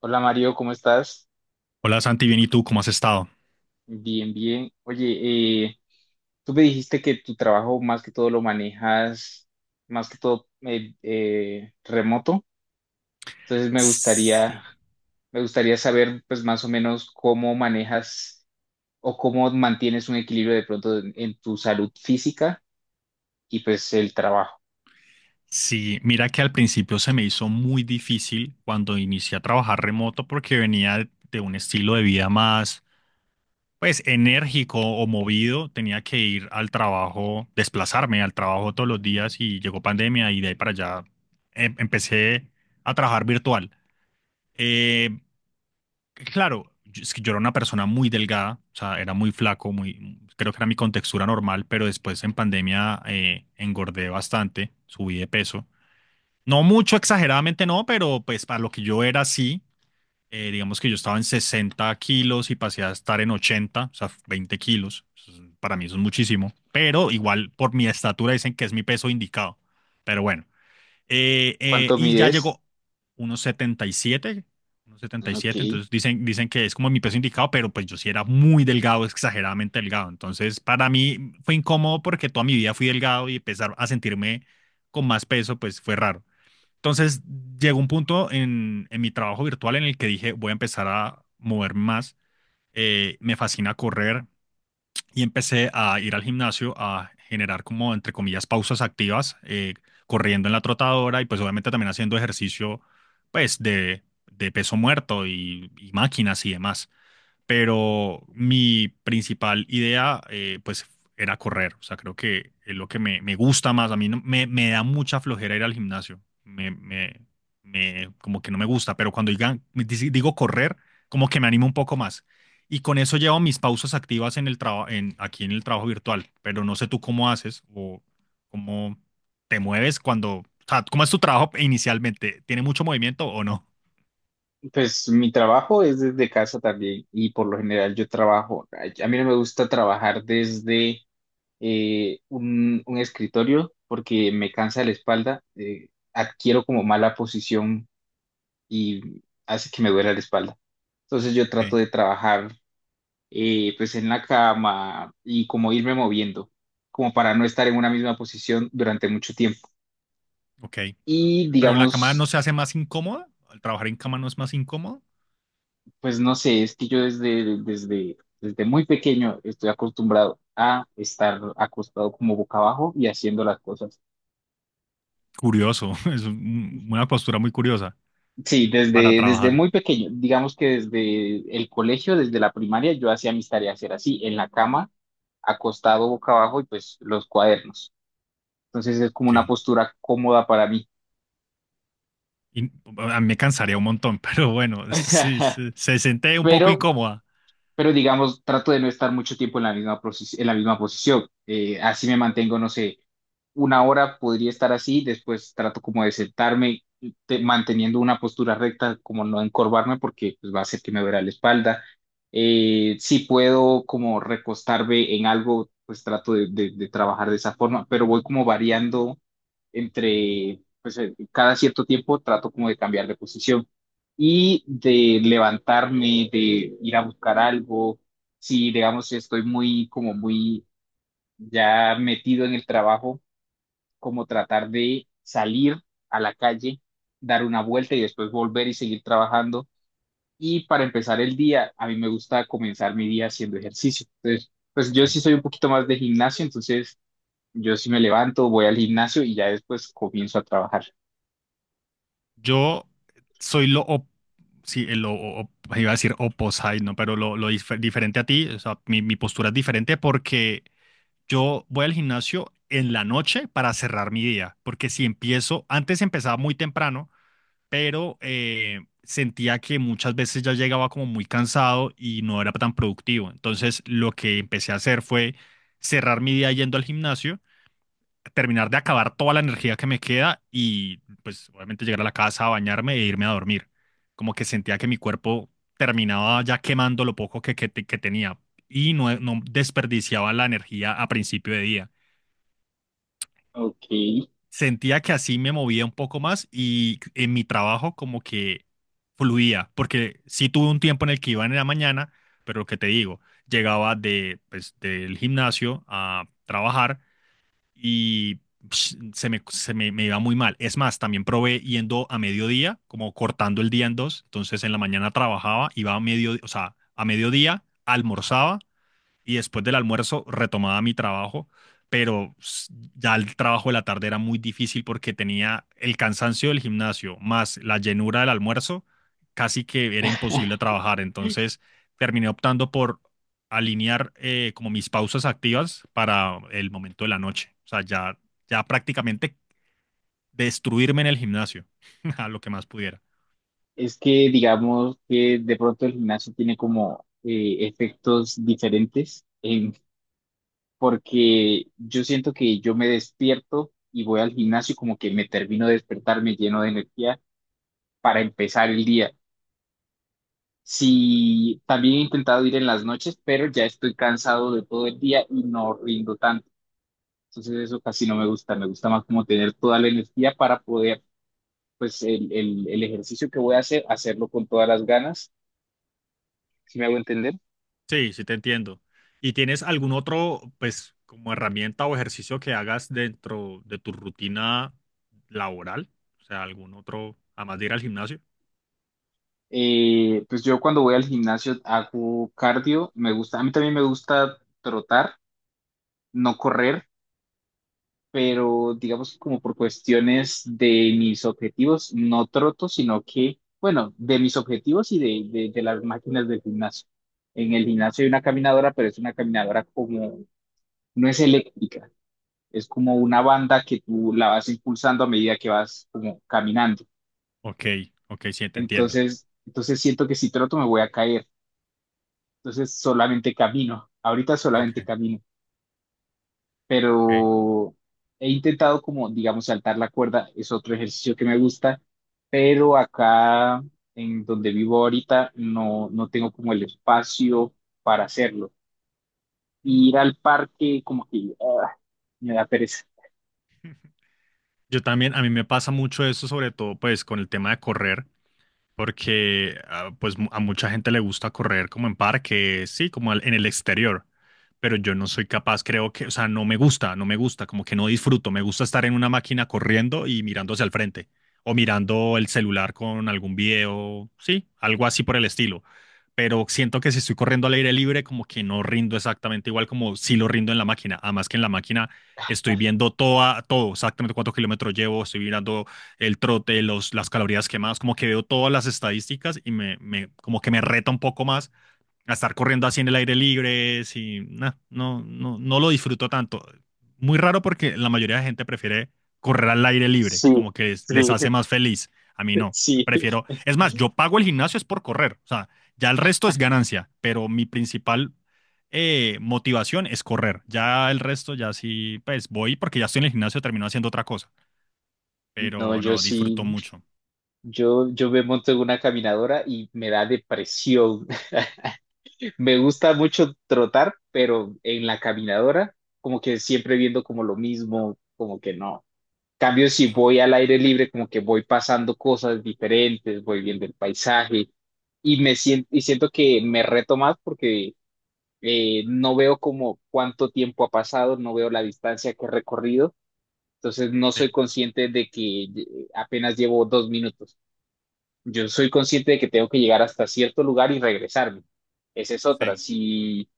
Hola Mario, ¿cómo estás? Hola Santi, bien, ¿y tú cómo has estado? Bien, bien. Oye, tú me dijiste que tu trabajo más que todo lo manejas, más que todo remoto. Entonces Sí. me gustaría saber, pues más o menos cómo manejas o cómo mantienes un equilibrio de pronto en tu salud física y pues el trabajo. Sí, mira que al principio se me hizo muy difícil cuando inicié a trabajar remoto porque venía de un estilo de vida más, pues, enérgico o movido. Tenía que ir al trabajo, desplazarme al trabajo todos los días y llegó pandemia y de ahí para allá empecé a trabajar virtual. Eh, Claro, es que yo era una persona muy delgada, o sea, era muy flaco, muy, creo que era mi contextura normal, pero después en pandemia engordé bastante, subí de peso. No mucho, exageradamente no, pero pues para lo que yo era sí, digamos que yo estaba en 60 kilos y pasé a estar en 80, o sea, 20 kilos. Para mí eso es muchísimo, pero igual por mi estatura dicen que es mi peso indicado. Pero bueno. ¿Cuánto Y ya mides? llegó unos 77, unos setenta y Ok. siete entonces dicen, dicen que es como mi peso indicado, pero pues yo sí era muy delgado, exageradamente delgado. Entonces para mí fue incómodo porque toda mi vida fui delgado y empezar a sentirme con más peso, pues fue raro. Entonces llegó un punto en mi trabajo virtual en el que dije, voy a empezar a moverme más. Me fascina correr, y empecé a ir al gimnasio a generar como, entre comillas, pausas activas, corriendo en la trotadora y pues obviamente también haciendo ejercicio, pues, de peso muerto y máquinas y demás. Pero mi principal idea, pues, era correr. O sea, creo que es lo que me gusta más. A mí no- me da mucha flojera ir al gimnasio. Como que no me gusta, pero digo correr, como que me animo un poco más. Y con eso llevo mis pausas activas en el aquí en el trabajo virtual, pero no sé tú cómo haces o cómo te mueves cuando, o sea, ¿cómo es tu trabajo inicialmente? ¿Tiene mucho movimiento o no? Pues mi trabajo es desde casa también y por lo general yo trabajo. A mí no me gusta trabajar desde un escritorio porque me cansa la espalda, adquiero como mala posición y hace que me duela la espalda. Entonces yo Ok, trato de trabajar pues en la cama y como irme moviendo, como para no estar en una misma posición durante mucho tiempo. ok. Y Pero la cama digamos, no se hace más incómoda, ¿al trabajar en cama no es más incómodo? pues no sé, es que yo desde muy pequeño estoy acostumbrado a estar acostado como boca abajo y haciendo las cosas. Curioso, una postura muy curiosa Sí, para desde trabajar. muy pequeño, digamos que desde el colegio, desde la primaria, yo hacía mis tareas, era así, en la cama, acostado boca abajo y pues los cuadernos. Entonces es como Ok. una postura cómoda para mí. Y, a mí me cansaría un montón, pero bueno, sí, sí, se siente un poco Pero incómoda. pero digamos, trato de no estar mucho tiempo en la misma, en la misma posición. Así me mantengo, no sé, una hora podría estar así, después trato como de sentarme manteniendo una postura recta, como no encorvarme porque pues, va a hacer que me duela la espalda. Si puedo como recostarme en algo, pues trato de trabajar de esa forma, pero voy como variando entre, pues cada cierto tiempo trato como de cambiar de posición y de levantarme, de ir a buscar algo. Si, digamos, estoy muy, como muy ya metido en el trabajo, como tratar de salir a la calle, dar una vuelta y después volver y seguir trabajando. Y para empezar el día, a mí me gusta comenzar mi día haciendo ejercicio. Entonces, pues Ok. yo sí soy un poquito más de gimnasio, entonces yo sí me levanto, voy al gimnasio y ya después comienzo a trabajar. Yo soy sí, iba a decir opposite, ¿no? Pero diferente a ti, o sea, mi postura es diferente porque yo voy al gimnasio en la noche para cerrar mi día, porque si empiezo, antes empezaba muy temprano, pero sentía que muchas veces ya llegaba como muy cansado y no era tan productivo. Entonces, lo que empecé a hacer fue cerrar mi día yendo al gimnasio terminar de acabar toda la energía que me queda y pues obviamente llegar a la casa, bañarme e irme a dormir. Como que sentía que mi cuerpo terminaba ya quemando lo poco que tenía y no, no desperdiciaba la energía a principio de día. Ok. Sentía que así me movía un poco más y en mi trabajo como que fluía, porque sí tuve un tiempo en el que iba en la mañana, pero lo que te digo, llegaba de, pues, del gimnasio a trabajar y psh, me iba muy mal. Es más, también probé yendo a mediodía, como cortando el día en dos. Entonces en la mañana trabajaba, iba a mediodía, o sea, a mediodía, almorzaba y después del almuerzo retomaba mi trabajo, pero ya el trabajo de la tarde era muy difícil porque tenía el cansancio del gimnasio más la llenura del almuerzo, casi que era imposible trabajar. Entonces terminé optando por alinear como mis pausas activas para el momento de la noche. O sea, ya, ya prácticamente destruirme en el gimnasio a lo que más pudiera. Es que digamos que de pronto el gimnasio tiene como efectos diferentes, porque yo siento que yo me despierto y voy al gimnasio y como que me termino de despertar, me lleno de energía para empezar el día. Sí, también he intentado ir en las noches, pero ya estoy cansado de todo el día y no rindo tanto. Entonces eso casi no me gusta, me gusta más como tener toda la energía para poder, pues el ejercicio que voy a hacer, hacerlo con todas las ganas, si me hago entender. Sí, sí te entiendo. ¿Y tienes algún otro, pues, como herramienta o ejercicio que hagas dentro de tu rutina laboral? O sea, algún otro, además de ir al gimnasio. Pues yo cuando voy al gimnasio hago cardio, me gusta, a mí también me gusta trotar, no correr, pero digamos que como por cuestiones de mis objetivos, no troto, sino que, bueno, de mis objetivos y de las máquinas del gimnasio. En el gimnasio hay una caminadora, pero es una caminadora como, no es eléctrica, es como una banda que tú la vas impulsando a medida que vas como caminando. Ok, ok, sí, te entiendo. Entonces siento que si troto me voy a caer. Entonces solamente camino, ahorita Ok, solamente camino, ok. pero he intentado como, digamos, saltar la cuerda, es otro ejercicio que me gusta, pero acá en donde vivo ahorita no tengo como el espacio para hacerlo. Ir al parque como que ah, me da pereza. Yo también, a mí me pasa mucho eso, sobre todo, pues, con el tema de correr. Porque pues a mucha gente le gusta correr como en parques, sí, en el exterior, pero yo no soy capaz, creo que, o sea, no me gusta, no me gusta, como que no disfruto, me gusta estar en una máquina corriendo y mirando hacia el frente o mirando el celular con algún video, sí, algo así por el estilo. Pero siento que si estoy corriendo al aire libre, como que no rindo exactamente igual como si lo rindo en la máquina. Además que en la máquina estoy viendo toda, todo, exactamente cuántos kilómetros llevo, estoy mirando el trote, las calorías quemadas, como que veo todas las estadísticas y me como que me reta un poco más a estar corriendo así en el aire libre, si nah, no, no, no lo disfruto tanto. Muy raro porque la mayoría de gente prefiere correr al aire libre, Sí, como que sí, les hace más feliz. A mí no, sí. prefiero, es más, yo pago el gimnasio es por correr, o sea, ya el resto es ganancia, pero mi principal motivación es correr. Ya el resto, ya sí, pues voy porque ya estoy en el gimnasio, termino haciendo otra cosa, No, pero yo no, sí, disfruto mucho. Yo me monto en una caminadora y me da depresión. Me gusta mucho trotar, pero en la caminadora, como que siempre viendo como lo mismo, como que no. Cambio, si voy al aire libre, como que voy pasando cosas diferentes, voy viendo el paisaje y me siento, y siento que me reto más porque no veo como cuánto tiempo ha pasado, no veo la distancia que he recorrido, entonces no soy Sí, consciente de que apenas llevo 2 minutos. Yo soy consciente de que tengo que llegar hasta cierto lugar y regresarme. Esa es otra. sí. Si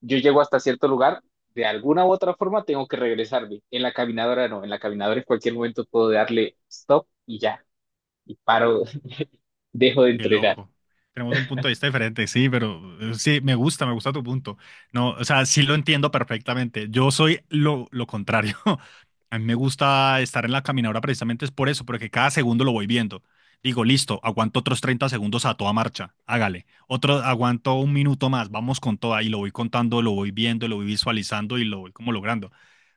yo llego hasta cierto lugar, de alguna u otra forma tengo que regresarme. En la caminadora no, en la caminadora en cualquier momento puedo darle stop y ya, y paro, dejo de Qué entrenar. loco. Tenemos un punto de vista diferente, sí, pero sí, me gusta tu punto. No, o sea, sí lo entiendo perfectamente. Yo soy lo contrario. A mí me gusta estar en la caminadora precisamente es por eso, porque cada segundo lo voy viendo. Digo, listo, aguanto otros 30 segundos a toda marcha, hágale. Otro, aguanto un minuto más, vamos con toda y lo voy contando, lo voy viendo, lo voy visualizando y lo voy como logrando.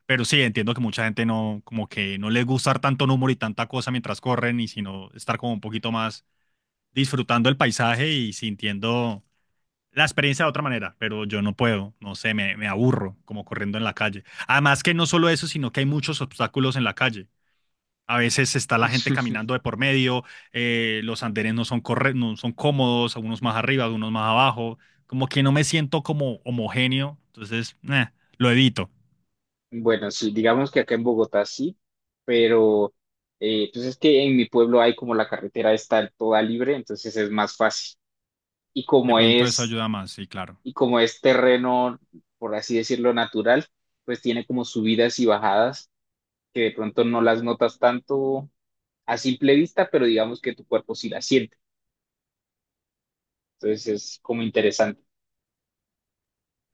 Pero sí, entiendo que mucha gente no, como que no le gusta tanto número y tanta cosa mientras corren y sino estar como un poquito más disfrutando el paisaje y sintiendo la experiencia de otra manera, pero yo no puedo, no sé, me aburro como corriendo en la calle. Además que no solo eso, sino que hay muchos obstáculos en la calle. A veces está la gente caminando de por medio, los andenes no son, corre no son cómodos, algunos más arriba, algunos más abajo, como que no me siento como homogéneo, entonces lo evito. Bueno, sí, digamos que acá en Bogotá sí, pero pues es que en mi pueblo hay como la carretera está toda libre, entonces es más fácil. Y De como pronto eso es, ayuda más, sí, claro. y como es terreno, por así decirlo, natural, pues tiene como subidas y bajadas que de pronto no las notas tanto a simple vista, pero digamos que tu cuerpo sí la siente. Entonces es como interesante.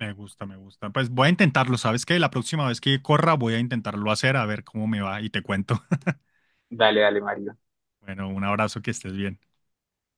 Me gusta, me gusta. Pues voy a intentarlo, ¿sabes qué? La próxima vez que corra voy a intentarlo hacer, a ver cómo me va y te cuento. Dale, dale, Mario. Bueno, un abrazo, que estés bien.